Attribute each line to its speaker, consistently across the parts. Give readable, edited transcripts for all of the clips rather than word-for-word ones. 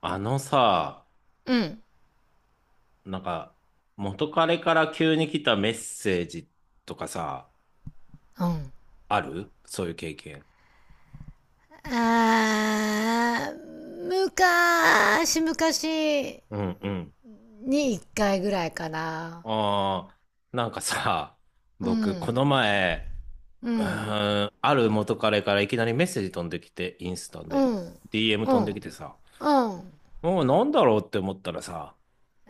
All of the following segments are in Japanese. Speaker 1: あのさ、
Speaker 2: うん。
Speaker 1: なんか、元彼から急に来たメッセージとかさ、
Speaker 2: うん。
Speaker 1: あるそういう経験。
Speaker 2: あー、昔昔
Speaker 1: うんうん。
Speaker 2: に一回ぐらいかな。
Speaker 1: ああ、なんかさ、
Speaker 2: う
Speaker 1: 僕、こ
Speaker 2: ん。
Speaker 1: の前、
Speaker 2: うん。
Speaker 1: ある元彼からいきなりメッセージ飛んできて、インスタ
Speaker 2: う
Speaker 1: で、
Speaker 2: ん。
Speaker 1: DM
Speaker 2: う
Speaker 1: 飛んで
Speaker 2: ん。
Speaker 1: きてさ、
Speaker 2: うん。
Speaker 1: もうなんだろうって思ったらさ、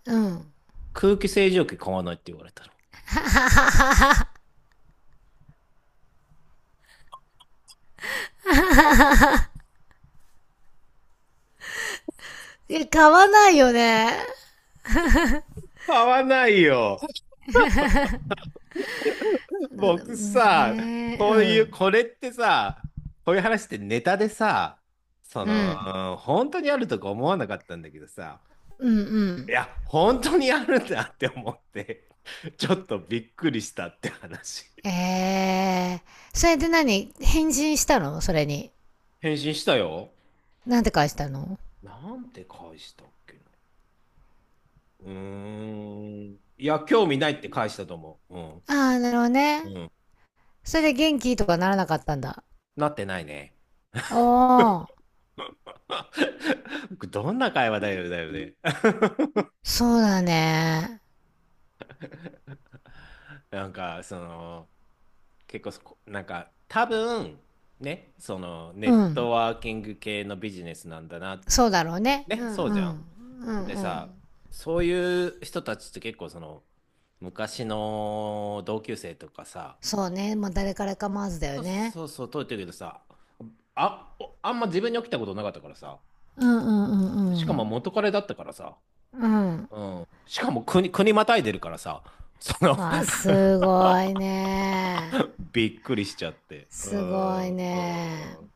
Speaker 2: うん。
Speaker 1: 空気清浄機買わないって言われたの。
Speaker 2: え、買わないよね。
Speaker 1: 買わないよ。
Speaker 2: う
Speaker 1: 僕
Speaker 2: ん、
Speaker 1: さ、
Speaker 2: ね、
Speaker 1: こ
Speaker 2: う
Speaker 1: ういう、
Speaker 2: ん。
Speaker 1: これってさ、こういう話ってネタでさ、そ
Speaker 2: うん。
Speaker 1: の、本当にあるとか思わなかったんだけどさ、
Speaker 2: うん、う
Speaker 1: い
Speaker 2: ん。
Speaker 1: や、本当にあるんだって思って、ちょっとびっくりしたって話。
Speaker 2: えー。それで何返信したの、それに？
Speaker 1: 返信したよ。
Speaker 2: なんて返したの？
Speaker 1: なんて返したっけな。いや、興味ないって返したと思う。うん。
Speaker 2: ああー、なるほどね。
Speaker 1: うん。
Speaker 2: それで元気とかならなかったんだ。
Speaker 1: なってないね。
Speaker 2: おー。
Speaker 1: どんな会話だよ、だよね。
Speaker 2: そうだね。
Speaker 1: なんか、その、結構そこなんか多分ね、そのネ
Speaker 2: う
Speaker 1: ッ
Speaker 2: ん。
Speaker 1: トワーキング系のビジネスなんだな。
Speaker 2: そうだろうね。うん
Speaker 1: ね
Speaker 2: う
Speaker 1: そうじゃん。
Speaker 2: ん。うん
Speaker 1: で
Speaker 2: うん。
Speaker 1: さ、そういう人たちって結構その昔の同級生とかさ、
Speaker 2: そうね。まあ、誰から構わずだよ
Speaker 1: そう
Speaker 2: ね。
Speaker 1: そうそう通ってるけどさ、あおあんま自分に起きたことなかったからさ、
Speaker 2: うんうんう
Speaker 1: しかも
Speaker 2: ん
Speaker 1: 元彼だったからさ、
Speaker 2: うん。うん。
Speaker 1: しかも国またいでるからさ、その
Speaker 2: わあ、す ごいね。
Speaker 1: びっくりしちゃって
Speaker 2: すごいね。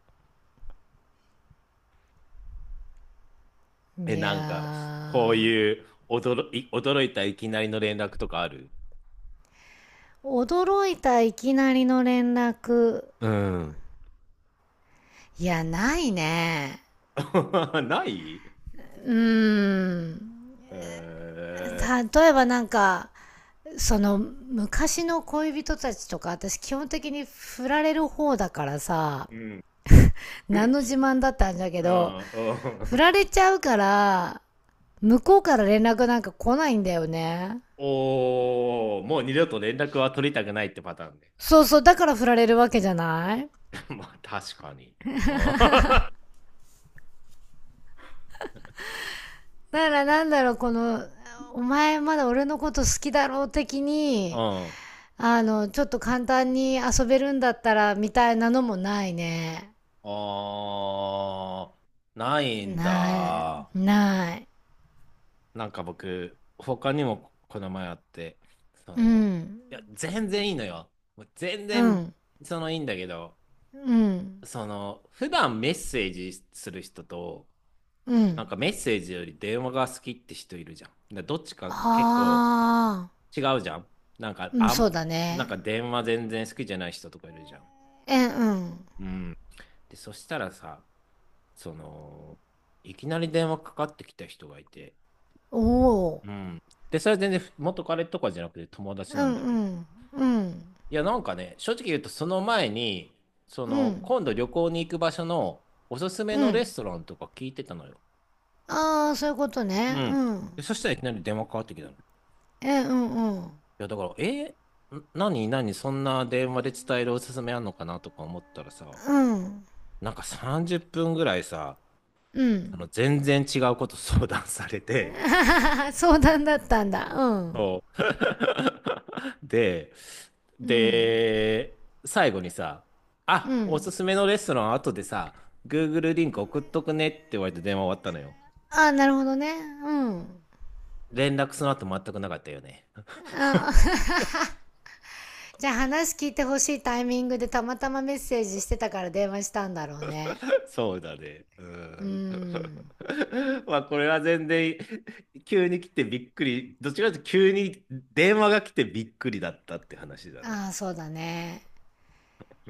Speaker 1: え、
Speaker 2: い
Speaker 1: なんか、こう
Speaker 2: やー。
Speaker 1: いう驚いたいきなりの連絡とかある？
Speaker 2: 驚いたいきなりの連絡？
Speaker 1: うん。
Speaker 2: いや、ないね。
Speaker 1: ない？
Speaker 2: うーん。
Speaker 1: え
Speaker 2: 例えばなんか、その昔の恋人たちとか、私基本的に振られる方だからさ。
Speaker 1: ー、うん。
Speaker 2: 何の自慢だったんだけ
Speaker 1: う
Speaker 2: ど、
Speaker 1: ん。う
Speaker 2: 振ら
Speaker 1: ん。
Speaker 2: れちゃうから、向こうから連絡なんか来ないんだよね。
Speaker 1: おー、もう二度と連絡は取りたくないってパターンね。
Speaker 2: そうそう、だから振られるわけじゃない。
Speaker 1: まあ、確かに。うん。
Speaker 2: だからなんだろう、この、お前まだ俺のこと好きだろう的
Speaker 1: う
Speaker 2: に、
Speaker 1: ん、
Speaker 2: ちょっと簡単に遊べるんだったら、みたいなのもないね。
Speaker 1: あー、ないん
Speaker 2: な
Speaker 1: だ。
Speaker 2: い、ない。
Speaker 1: なんか僕、他にもこの前あって、そ
Speaker 2: うん
Speaker 1: の、いや、全然いいのよ。もう全
Speaker 2: う
Speaker 1: 然、
Speaker 2: ん
Speaker 1: そのいいんだけど、
Speaker 2: うん
Speaker 1: その、普段メッセージする人と、
Speaker 2: う
Speaker 1: なん
Speaker 2: ん。
Speaker 1: かメッセージより電話が好きって人いるじゃん。でどっちか結構
Speaker 2: ああ、
Speaker 1: 違うじゃん。なんか、
Speaker 2: うん、
Speaker 1: あ
Speaker 2: そう
Speaker 1: ん、
Speaker 2: だ
Speaker 1: なんか
Speaker 2: ね。
Speaker 1: 電話全然好きじゃない人とかいるじゃん。
Speaker 2: え、うん。
Speaker 1: うん。で、そしたらさ、その、いきなり電話かかってきた人がいて、
Speaker 2: おお。
Speaker 1: うん。で、それは全然元彼とかじゃなくて友達
Speaker 2: う
Speaker 1: なん
Speaker 2: ん
Speaker 1: だ
Speaker 2: う
Speaker 1: けど。
Speaker 2: んうん。
Speaker 1: いや、なんかね、正直言うとその前に、そ
Speaker 2: う
Speaker 1: の、
Speaker 2: ん。
Speaker 1: 今度旅行に行く場所のおすすめ
Speaker 2: う
Speaker 1: のレ
Speaker 2: ん。
Speaker 1: ストランとか聞いてたのよ。
Speaker 2: ああー、そういうこと
Speaker 1: う
Speaker 2: ね。う
Speaker 1: ん。で、
Speaker 2: ん。
Speaker 1: そしたらいきなり電話かかってきたの。い
Speaker 2: え、うんうん。
Speaker 1: や、だから、何、何、そんな電話で伝えるおすすめあんのかなとか思ったらさ、
Speaker 2: うん。
Speaker 1: なんか30分ぐらいさ、
Speaker 2: う
Speaker 1: あの
Speaker 2: ん。
Speaker 1: 全然違うこと相談されて、
Speaker 2: あはは、相談だったんだ。うん。
Speaker 1: そう。で、
Speaker 2: うん。
Speaker 1: で、最後にさ、
Speaker 2: う
Speaker 1: あ、おす
Speaker 2: ん。
Speaker 1: すめのレストラン後でさ、Google リンク送っとくねって言われて電話終わったのよ。
Speaker 2: ああー、なるほどね。うん。
Speaker 1: 連絡その後全くなかったよね。
Speaker 2: あ、じゃあ、話聞いてほしいタイミングでたまたまメッセージしてたから電話したんだろうね。
Speaker 1: そうだね。う
Speaker 2: う
Speaker 1: ん。
Speaker 2: ん。
Speaker 1: まあこれは全然急に来てびっくり。どっちかというと急に電話が来てびっくりだったって話だね。
Speaker 2: ああー、そうだね。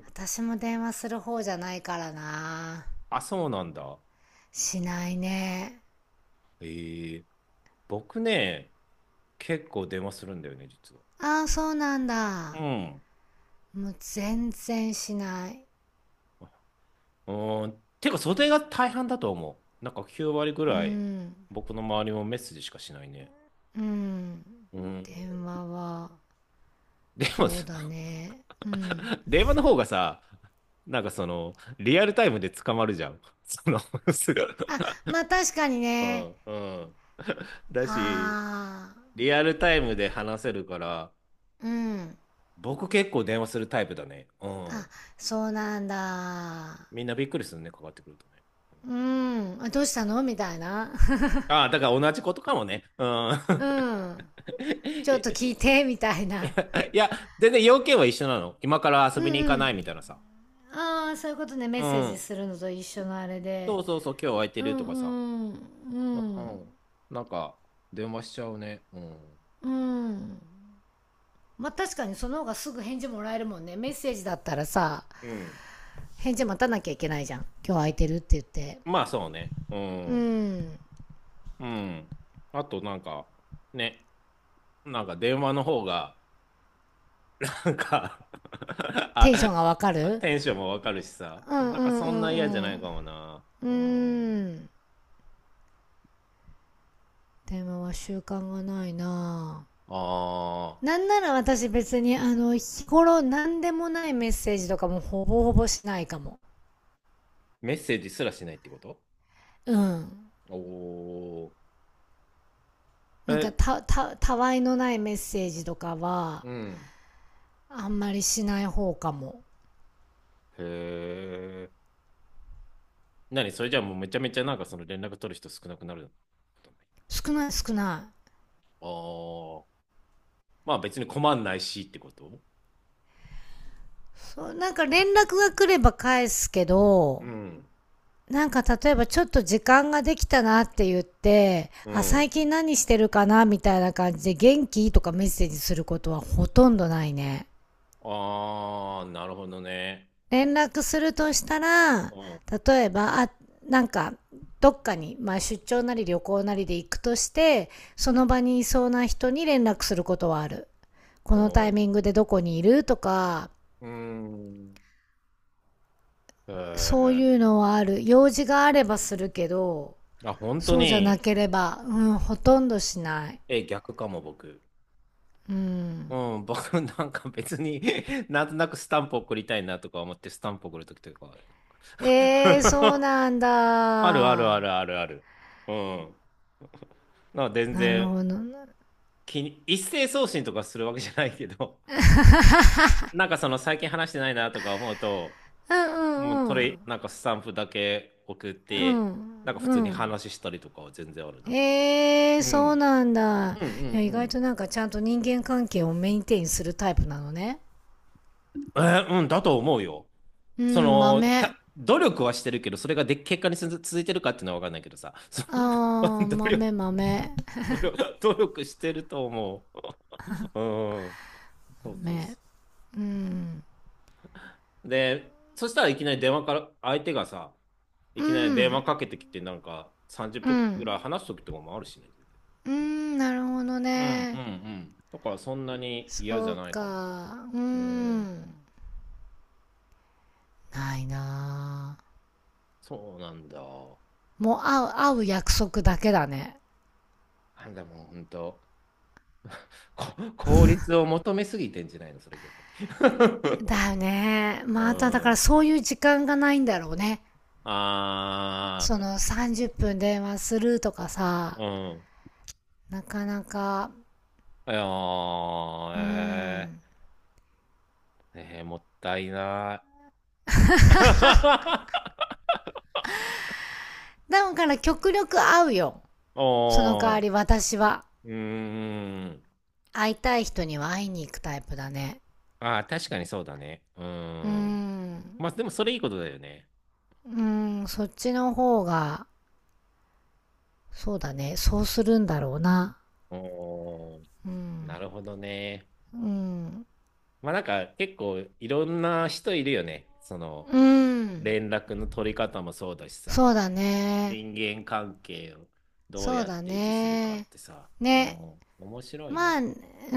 Speaker 2: 私も電話する方じゃないからな。
Speaker 1: あ、そうなんだ。
Speaker 2: しないね。
Speaker 1: ええ、僕ね、結構電話するんだよね、実は。
Speaker 2: ああ、そうなん
Speaker 1: う
Speaker 2: だ。
Speaker 1: ん。
Speaker 2: もう全然しない。
Speaker 1: うん。てか、それが大半だと思う。なんか9割ぐ
Speaker 2: う
Speaker 1: らい、
Speaker 2: ん。
Speaker 1: 僕の周りもメッセージしかしないね。
Speaker 2: うん。
Speaker 1: うん。
Speaker 2: 電話は、
Speaker 1: でも、
Speaker 2: そうだね。うん。
Speaker 1: 電話の方がさ、なんかその、リアルタイムで捕まるじゃん。その、すぐ。
Speaker 2: あ、まあ確かに
Speaker 1: う
Speaker 2: ね。
Speaker 1: んうん。だし、
Speaker 2: ああ、
Speaker 1: リアルタイムで話せるから、
Speaker 2: うん。
Speaker 1: 僕結構電話するタイプだね。う
Speaker 2: あ、
Speaker 1: ん。
Speaker 2: そうなんだ。
Speaker 1: みんなびっくりするね、かかってくるとね。
Speaker 2: うん。あ、どうしたの、みたいな。
Speaker 1: ああ、だから同じことかもね。うん。
Speaker 2: う ん。ちょっと聞いて、みたいな。
Speaker 1: いや、全然要件は一緒なの。今から遊
Speaker 2: う
Speaker 1: びに
Speaker 2: ん
Speaker 1: 行
Speaker 2: う
Speaker 1: かない
Speaker 2: ん。
Speaker 1: みたいなさ。
Speaker 2: ああ、そういうことね、メ
Speaker 1: う
Speaker 2: ッセージ
Speaker 1: ん。
Speaker 2: するのと一緒のあれ
Speaker 1: そ
Speaker 2: で。
Speaker 1: うそうそう、今日空いて
Speaker 2: う
Speaker 1: る
Speaker 2: ん
Speaker 1: とかさ。
Speaker 2: うん、う
Speaker 1: う
Speaker 2: ん、
Speaker 1: ん。なんか、電話しちゃうね。うん。
Speaker 2: うん。まあ確かにその方がすぐ返事もらえるもんね。メッセージだったらさ、
Speaker 1: うん。
Speaker 2: 返事待たなきゃいけないじゃん。今日空いてるって言って。
Speaker 1: まあそうね。う
Speaker 2: う
Speaker 1: ん。
Speaker 2: ん。
Speaker 1: うん。あとなんか、ね。なんか電話の方が、なんか
Speaker 2: テンション
Speaker 1: あ、
Speaker 2: がわかる。
Speaker 1: テンションもわかるしさ。
Speaker 2: うん
Speaker 1: なん
Speaker 2: う
Speaker 1: か
Speaker 2: ん
Speaker 1: そ
Speaker 2: う
Speaker 1: んな
Speaker 2: ん
Speaker 1: 嫌じゃ
Speaker 2: う
Speaker 1: ない
Speaker 2: ん。
Speaker 1: かもな。
Speaker 2: うー
Speaker 1: うん。
Speaker 2: ん。電話は習慣がないな
Speaker 1: ああ、
Speaker 2: ぁ。なんなら私別に日頃何でもないメッセージとかもほぼほぼしないかも。
Speaker 1: メッセージすらしないってこと？
Speaker 2: うん。
Speaker 1: おおー。
Speaker 2: なんか
Speaker 1: え、
Speaker 2: たわいのないメッセージとかは
Speaker 1: うん。
Speaker 2: あんまりしない方かも。
Speaker 1: へえ。何それ？じゃあもうめちゃめちゃなんかその連絡取る人少なくなることない？
Speaker 2: 少ない、少ない。
Speaker 1: ああ。まあ別に困んないしってこと？
Speaker 2: そう、なんか連絡が来れば返すけ
Speaker 1: う
Speaker 2: ど、
Speaker 1: ん。
Speaker 2: なんか例えば、ちょっと時間ができたなって言って、
Speaker 1: う
Speaker 2: あ、
Speaker 1: ん。
Speaker 2: 最近何してるかな、みたいな感じで、元気とかメッセージすることはほとんどないね。
Speaker 1: ああ、なるほどね。
Speaker 2: 連絡するとしたら、
Speaker 1: うん。
Speaker 2: 例えば、あ、なんか、どっかに、まあ出張なり旅行なりで行くとして、その場にいそうな人に連絡することはある。こ
Speaker 1: う
Speaker 2: のタイ
Speaker 1: ん。
Speaker 2: ミングでどこにいるとか、
Speaker 1: うん。へ
Speaker 2: そう
Speaker 1: え。
Speaker 2: いうのはある。用事があればするけど、
Speaker 1: あ、本当
Speaker 2: そうじゃな
Speaker 1: に。
Speaker 2: ければ、うん、ほとんどしない。
Speaker 1: え、逆かも、僕。
Speaker 2: うん。
Speaker 1: うん、僕なんか別に なんとなくスタンプ送りたいなとか思ってスタンプ送るときとかある。
Speaker 2: えー、そう なん
Speaker 1: あるあるあ
Speaker 2: だ。
Speaker 1: るあるある。うん。なんか全
Speaker 2: なる
Speaker 1: 然
Speaker 2: ほどな。
Speaker 1: 一斉送信とかするわけじゃないけど、なんかその最近話してないなとか思うと、
Speaker 2: うんう
Speaker 1: もう
Speaker 2: ん
Speaker 1: そ
Speaker 2: う
Speaker 1: れ、
Speaker 2: ん。
Speaker 1: なんかスタンプだけ送っ
Speaker 2: う
Speaker 1: て、なん
Speaker 2: ん
Speaker 1: か普
Speaker 2: う
Speaker 1: 通に
Speaker 2: ん。
Speaker 1: 話したりとかは全然あるな。
Speaker 2: ええ、
Speaker 1: う
Speaker 2: そう
Speaker 1: ん。
Speaker 2: なんだ。
Speaker 1: うんうんう
Speaker 2: いや、意外
Speaker 1: ん。
Speaker 2: となんかちゃんと人間関係をメインテインするタイプなのね。
Speaker 1: えー、うんだと思うよ。
Speaker 2: う
Speaker 1: そ
Speaker 2: ん、
Speaker 1: の、
Speaker 2: 豆。
Speaker 1: 努力はしてるけど、それがで、結果に続いてるかっていうのは分かんないけどさ、その
Speaker 2: ああ、
Speaker 1: 努力、
Speaker 2: 豆、豆。
Speaker 1: 努力、努力してると思う。うん。そうそう
Speaker 2: 豆。
Speaker 1: そ
Speaker 2: うん。
Speaker 1: う。で、そしたらいきなり電話から、相手がさ、い
Speaker 2: う
Speaker 1: きなり電話
Speaker 2: ん。
Speaker 1: かけてきて、なんか30
Speaker 2: う
Speaker 1: 分ぐ
Speaker 2: ん。
Speaker 1: らい話すときとかもあるしね。
Speaker 2: うん、なるほど
Speaker 1: うんうんう
Speaker 2: ね。
Speaker 1: ん。だからそんなに嫌じ
Speaker 2: そ
Speaker 1: ゃ
Speaker 2: う
Speaker 1: ないかも。
Speaker 2: か。う
Speaker 1: うん、
Speaker 2: ん。ないなあ。
Speaker 1: そうなんだ。
Speaker 2: もう会う約束だけだね。
Speaker 1: なんだもう本当、こ 効率を求めすぎてんじゃないの、それ逆に。
Speaker 2: だ よね。
Speaker 1: う
Speaker 2: まただから
Speaker 1: ん、
Speaker 2: そういう時間がないんだろうね。そ
Speaker 1: あ
Speaker 2: の30分電話するとかさ。
Speaker 1: ー、うん。
Speaker 2: なかなか、
Speaker 1: いや
Speaker 2: うー
Speaker 1: ー、え
Speaker 2: ん。
Speaker 1: ー、ねえもったいない。
Speaker 2: だから極力会うよ。その代
Speaker 1: お
Speaker 2: わ
Speaker 1: ー、
Speaker 2: り私は。
Speaker 1: うーん。
Speaker 2: 会いたい人には会いに行くタイプだね。
Speaker 1: あー、確かにそうだね。うー
Speaker 2: うー
Speaker 1: ん。
Speaker 2: ん。
Speaker 1: まあ、でもそれいいことだよね。
Speaker 2: うーん、そっちの方が、そうだね。そうするんだろうな。
Speaker 1: おー、
Speaker 2: う
Speaker 1: な
Speaker 2: ん。
Speaker 1: るほどね。
Speaker 2: うん。
Speaker 1: まあ、なんか結構いろんな人いるよね。その、
Speaker 2: うん。
Speaker 1: 連絡の取り方もそうだしさ。
Speaker 2: そうだね。
Speaker 1: 人間関係をどう
Speaker 2: そう
Speaker 1: やっ
Speaker 2: だ
Speaker 1: て維持するかっ
Speaker 2: ね。
Speaker 1: てさ、う
Speaker 2: ね。
Speaker 1: ん、面白い
Speaker 2: まあ、う
Speaker 1: な。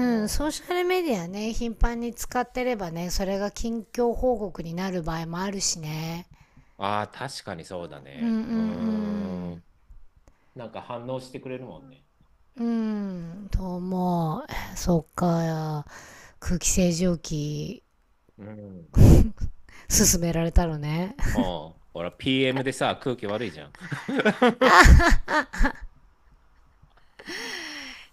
Speaker 1: う
Speaker 2: ソー
Speaker 1: ん、
Speaker 2: シャルメディアね、頻繁に使ってればね、それが近況報告になる場合もあるしね。
Speaker 1: ああ、確かにそうだ
Speaker 2: うんう
Speaker 1: ね。うー
Speaker 2: ん
Speaker 1: ん。なんか反応してくれるもんね。
Speaker 2: うん。うん、と思う。そっか、空気清浄機、
Speaker 1: うん。
Speaker 2: 勧められたのね。
Speaker 1: うん。ほら、PM でさ、空気悪いじゃん。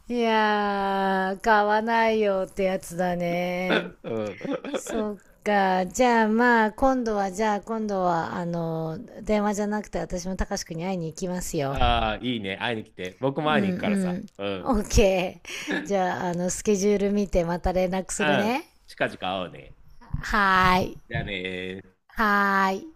Speaker 2: いやー、買わないよってやつだ
Speaker 1: う
Speaker 2: ね。
Speaker 1: ん。
Speaker 2: そっか、じゃあまあ、今度は、じゃあ今度は、電話じゃなくて私も高志くんに会いに行きますよ。
Speaker 1: ああ、いいね。会いに来て。僕
Speaker 2: う
Speaker 1: も
Speaker 2: ん
Speaker 1: 会いに
Speaker 2: う
Speaker 1: 行くからさ。
Speaker 2: ん。
Speaker 1: う
Speaker 2: オッ
Speaker 1: ん。
Speaker 2: ケー。じゃあ、スケジュール見てまた連絡
Speaker 1: う
Speaker 2: する
Speaker 1: ん。
Speaker 2: ね。
Speaker 1: 近々会おうね。
Speaker 2: はーい。
Speaker 1: じゃあねー。
Speaker 2: はーい。